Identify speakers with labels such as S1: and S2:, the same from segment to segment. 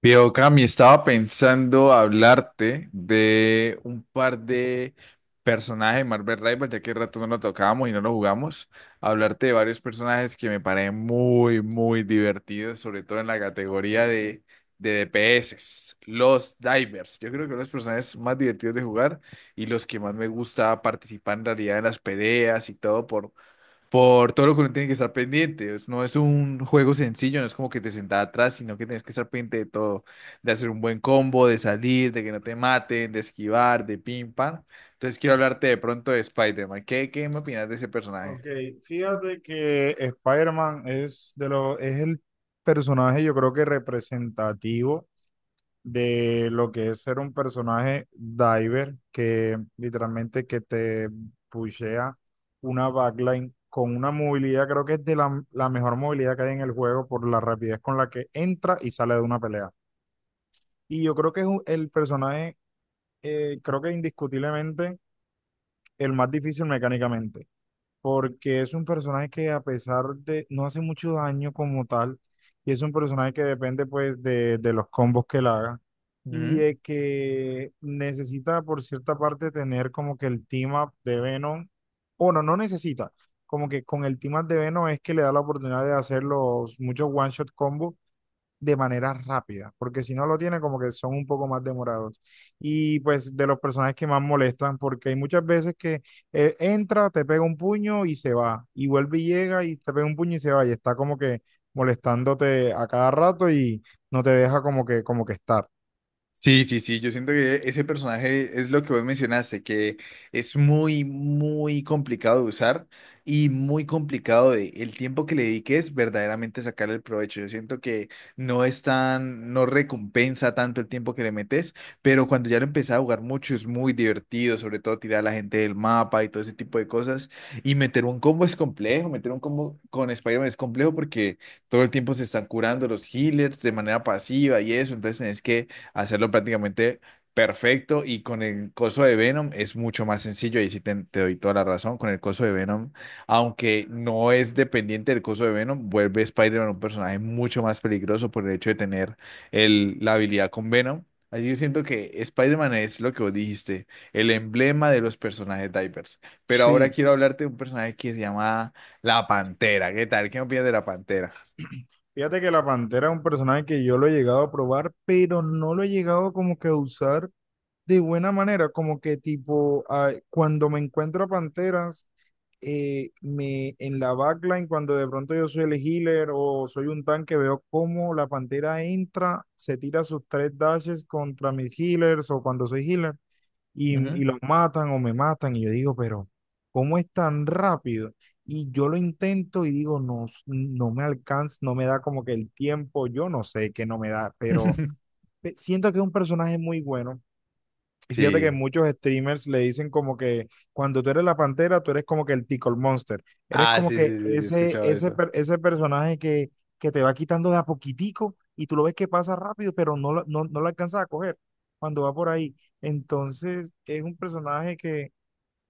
S1: Pero Cami, estaba pensando hablarte de un par de personajes de Marvel Rivals, ya que rato no lo tocábamos y no lo jugamos. Hablarte de varios personajes que me parecen muy, muy divertidos, sobre todo en la categoría de DPS, los divers. Yo creo que son los personajes más divertidos de jugar y los que más me gusta participar en realidad en las peleas y todo por todo lo que uno tiene que estar pendiente. No es un juego sencillo, no es como que te sentás atrás, sino que tienes que estar pendiente de todo, de hacer un buen combo, de salir, de que no te maten, de esquivar, de pim pam. Entonces quiero hablarte de pronto de Spider-Man. ¿Qué me opinas de ese personaje?
S2: Ok, fíjate que Spider-Man es es el personaje, yo creo que representativo de lo que es ser un personaje diver, que literalmente que te pushea una backline con una movilidad, creo que es de la mejor movilidad que hay en el juego por la rapidez con la que entra y sale de una pelea. Y yo creo que es el personaje, creo que indiscutiblemente el más difícil mecánicamente porque es un personaje que a pesar de no hace mucho daño como tal, y es un personaje que depende pues de los combos que él haga y de que necesita por cierta parte tener como que el team up de Venom, o no necesita, como que con el team up de Venom es que le da la oportunidad de hacer los muchos one shot combos de manera rápida, porque si no lo tiene como que son un poco más demorados. Y pues de los personajes que más molestan, porque hay muchas veces que entra, te pega un puño y se va, y vuelve y llega y te pega un puño y se va, y está como que molestándote a cada rato y no te deja como que estar.
S1: Sí, sí, sí, yo siento que ese personaje es lo que vos mencionaste, que es muy, muy complicado de usar y muy complicado de el tiempo que le dediques verdaderamente sacar el provecho. Yo siento que no recompensa tanto el tiempo que le metes, pero cuando ya lo empecé a jugar mucho es muy divertido, sobre todo tirar a la gente del mapa y todo ese tipo de cosas. Y meter un combo es complejo, meter un combo con Spider-Man es complejo porque todo el tiempo se están curando los healers de manera pasiva y eso, entonces tenés que hacerlo prácticamente perfecto, y con el coso de Venom es mucho más sencillo, ahí sí te doy toda la razón. Con el coso de Venom, aunque no es dependiente del coso de Venom, vuelve Spider-Man un personaje mucho más peligroso por el hecho de tener la habilidad con Venom. Así yo siento que Spider-Man es lo que vos dijiste, el emblema de los personajes divers. Pero ahora
S2: Sí,
S1: quiero hablarte de un personaje que se llama La Pantera. ¿Qué tal? ¿Qué opinas de La Pantera?
S2: fíjate que la Pantera es un personaje que yo lo he llegado a probar, pero no lo he llegado como que a usar de buena manera, como que tipo, ah, cuando me encuentro a Panteras, me, en la backline, cuando de pronto yo soy el healer o soy un tanque, veo cómo la Pantera entra, se tira sus tres dashes contra mis healers o cuando soy healer y, y
S1: Ujú.
S2: los matan o me matan. Y yo digo, pero ¿cómo es tan rápido? Y yo lo intento y digo, no, no me alcanza, no me da como que el tiempo, yo no sé que no me da, pero siento que es un personaje muy bueno y fíjate que
S1: Sí.
S2: muchos streamers le dicen como que cuando tú eres la pantera, tú eres como que el Tickle Monster. Eres
S1: Ah,
S2: como
S1: sí,
S2: que
S1: sí, sí, sí, he escuchado eso.
S2: ese personaje que te va quitando de a poquitico y tú lo ves que pasa rápido, pero no, no lo alcanzas a coger cuando va por ahí. Entonces es un personaje que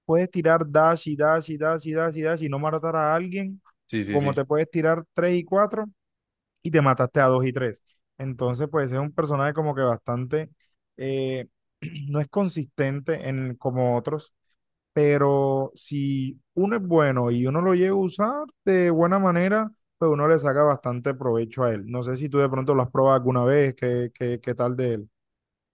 S2: puedes tirar dash y dash y dash y dash y dash y no matar a alguien,
S1: Sí, sí,
S2: como
S1: sí.
S2: te puedes tirar tres y cuatro y te mataste a dos y tres. Entonces, pues es un personaje como que bastante, eh, no es consistente en, como otros, pero si uno es bueno y uno lo llega a usar de buena manera, pues uno le saca bastante provecho a él. No sé si tú de pronto lo has probado alguna vez, qué, qué, qué tal de él.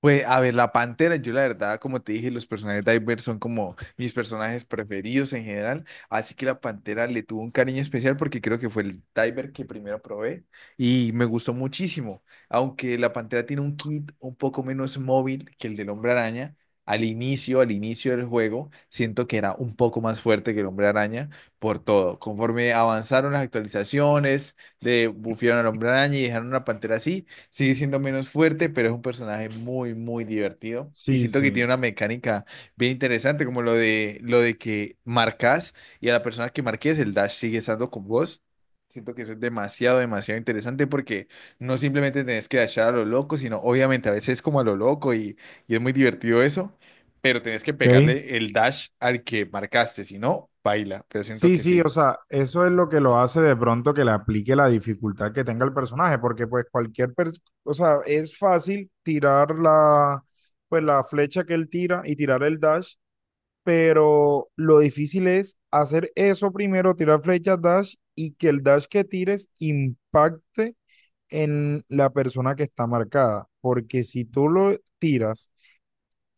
S1: Pues a ver, la Pantera, yo la verdad, como te dije, los personajes de Iver son como mis personajes preferidos en general, así que la Pantera le tuvo un cariño especial porque creo que fue el Diver que primero probé y me gustó muchísimo, aunque la Pantera tiene un kit un poco menos móvil que el del Hombre Araña. Al inicio del juego, siento que era un poco más fuerte que el Hombre Araña por todo. Conforme avanzaron las actualizaciones, le bufearon al Hombre Araña y dejaron una Pantera así. Sigue siendo menos fuerte, pero es un personaje muy, muy divertido. Y
S2: Sí,
S1: siento que tiene
S2: sí.
S1: una mecánica bien interesante, como lo de que marcas, y a la persona que marques el dash sigue estando con vos. Siento que eso es demasiado, demasiado interesante porque no simplemente tenés que dashar a lo loco, sino obviamente a veces como a lo loco, y es muy divertido eso, pero tenés que
S2: Ok.
S1: pegarle el dash al que marcaste, si no, baila. Pero siento
S2: Sí,
S1: que
S2: sí,
S1: sí.
S2: o sea, eso es lo que lo hace de pronto que le aplique la dificultad que tenga el personaje, porque pues cualquier, o sea, es fácil tirar pues la flecha que él tira y tirar el dash, pero lo difícil es hacer eso primero, tirar flecha dash y que el dash que tires impacte en la persona que está marcada, porque si tú lo tiras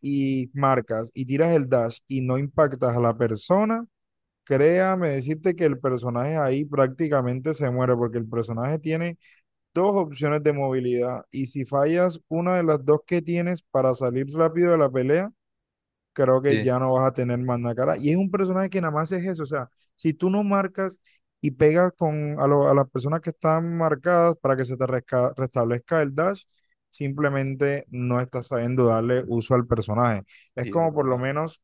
S2: y marcas y tiras el dash y no impactas a la persona, créame decirte que el personaje ahí prácticamente se muere porque el personaje tiene dos opciones de movilidad y si fallas una de las dos que tienes para salir rápido de la pelea, creo que
S1: Sí.
S2: ya no vas a tener más nada cara. Y es un personaje que nada más es eso, o sea, si tú no marcas y pegas con a las personas que están marcadas para que se te restablezca el dash, simplemente no estás sabiendo darle uso al personaje.
S1: Sí,
S2: Es
S1: eso es
S2: como por lo
S1: verdad.
S2: menos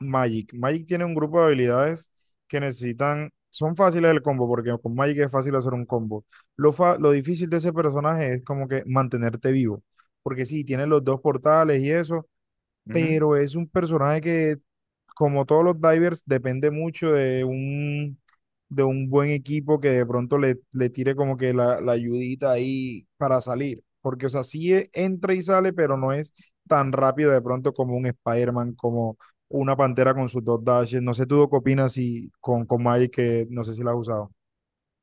S2: Magic. Magic tiene un grupo de habilidades que necesitan, son fáciles el combo, porque con Magic es fácil hacer un combo. Lo difícil de ese personaje es como que mantenerte vivo, porque sí, tiene los dos portales y eso, pero es un personaje que como todos los divers, depende mucho de un buen equipo que de pronto le tire como que la ayudita ahí para salir. Porque, o sea, sí entra y sale, pero no es tan rápido de pronto como un Spider-Man, como una pantera con sus dos dashes. No sé tú qué opinas si, con Magic, que no sé si la has usado.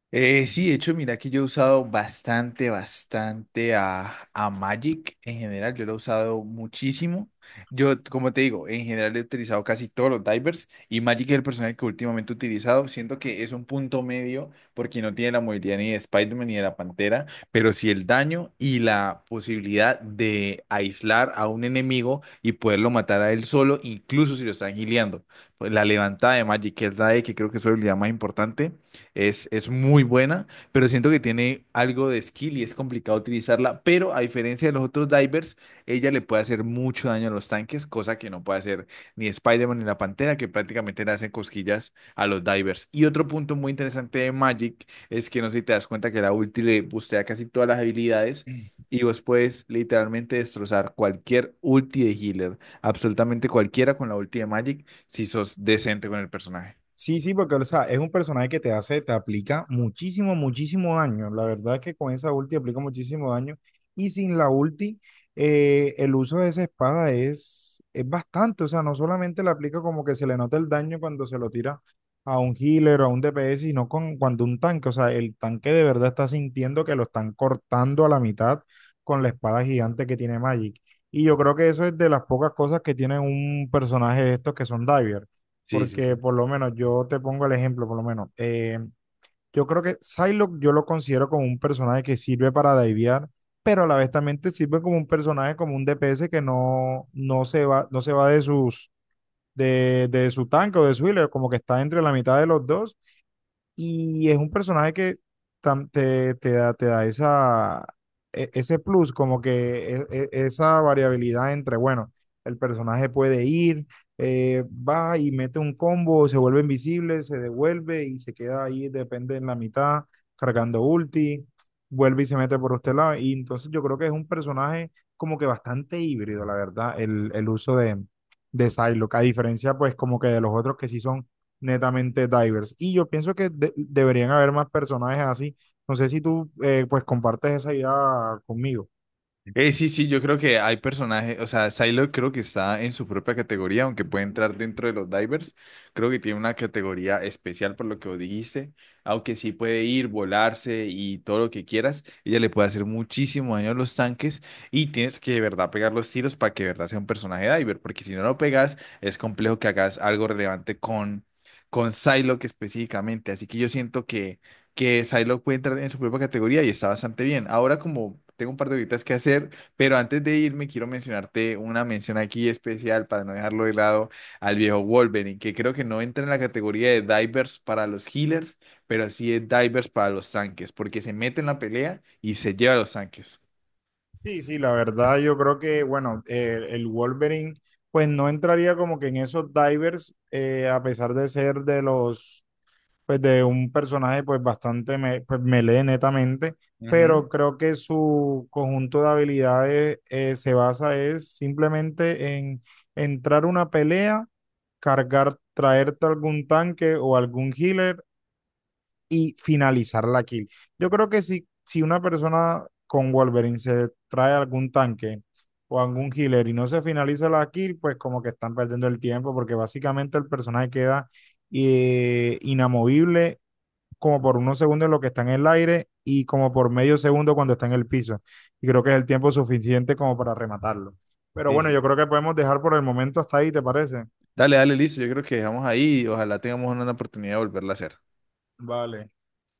S1: Sí, de hecho, mira que yo he usado bastante, bastante a Magic en general. Yo lo he usado muchísimo. Yo, como te digo, en general he utilizado casi todos los divers y Magic es el personaje que últimamente he utilizado. Siento que es un punto medio porque no tiene la movilidad ni de Spider-Man ni de la Pantera, pero sí el daño y la posibilidad de aislar a un enemigo y poderlo matar a él solo, incluso si lo están gileando. Pues la levantada de Magic, que es la E, que creo que es su habilidad más importante, es muy buena, pero siento que tiene algo de skill y es complicado utilizarla. Pero a diferencia de los otros divers, ella le puede hacer mucho daño a los tanques, cosa que no puede hacer ni Spider-Man ni la Pantera, que prácticamente le hacen cosquillas a los divers. Y otro punto muy interesante de Magic es que no sé si te das cuenta que la ulti le bustea casi todas las habilidades y vos puedes literalmente destrozar cualquier ulti de healer, absolutamente cualquiera con la ulti de Magic, si sos decente con el personaje.
S2: Sí, sí, porque o sea, es un personaje que te hace, te aplica muchísimo, muchísimo daño. La verdad es que con esa ulti aplica muchísimo daño. Y sin la ulti, el uso de esa espada es bastante. O sea, no solamente le aplica como que se le nota el daño cuando se lo tira a un healer o a un DPS, cuando un tanque, o sea, el tanque de verdad está sintiendo que lo están cortando a la mitad con la espada gigante que tiene Magic. Y yo creo que eso es de las pocas cosas que tiene un personaje de estos que son diver
S1: Sí, sí,
S2: porque
S1: sí.
S2: por lo menos yo te pongo el ejemplo, por lo menos. Yo creo que Psylocke yo lo considero como un personaje que sirve para divear, pero a la vez también te sirve como un personaje, como un DPS que no, no se va, no se va de sus, de su tanque o de su healer, como que está entre la mitad de los dos y es un personaje que te da esa, ese plus, como que esa variabilidad entre, bueno, el personaje puede ir, va y mete un combo, se vuelve invisible, se devuelve y se queda ahí, depende en la mitad, cargando ulti, vuelve y se mete por este lado. Y entonces yo creo que es un personaje como que bastante híbrido, la verdad, el uso de Psylocke, a diferencia pues como que de los otros que sí son netamente divers. Y yo pienso que deberían haber más personajes así. No sé si tú pues compartes esa idea conmigo.
S1: Sí, sí, yo creo que hay personajes, o sea, Psylocke creo que está en su propia categoría. Aunque puede entrar dentro de los divers, creo que tiene una categoría especial por lo que vos dijiste. Aunque sí puede ir, volarse y todo lo que quieras, ella le puede hacer muchísimo daño a los tanques, y tienes que de verdad pegar los tiros para que de verdad sea un personaje diver, porque si no lo pegas es complejo que hagas algo relevante con Psylocke específicamente, así que yo siento que Psylocke puede entrar en su propia categoría y está bastante bien. Ahora como tengo un par de horitas que hacer, pero antes de irme quiero mencionarte una mención aquí especial para no dejarlo de lado al viejo Wolverine, que creo que no entra en la categoría de divers para los healers, pero sí es divers para los tanques, porque se mete en la pelea y se lleva a los tanques.
S2: Sí, sí, la verdad yo creo que, bueno, el Wolverine pues no entraría como que en esos divers, a pesar de ser de los pues de un personaje pues bastante pues, melee netamente,
S1: Ujú.
S2: pero creo que su conjunto de habilidades se basa es simplemente en entrar a una pelea, cargar, traerte algún tanque o algún healer y finalizar la kill. Yo creo que si, si una persona con Wolverine se trae algún tanque o algún healer y no se finaliza la kill, pues como que están perdiendo el tiempo porque básicamente el personaje queda inamovible como por unos segundos en lo que está en el aire y como por medio segundo cuando está en el piso. Y creo que es el tiempo suficiente como para rematarlo. Pero
S1: Sí,
S2: bueno, yo
S1: sí.
S2: creo que podemos dejar por el momento hasta ahí, ¿te parece?
S1: Dale, dale, listo. Yo creo que dejamos ahí y ojalá tengamos una oportunidad de volverla a hacer.
S2: Vale.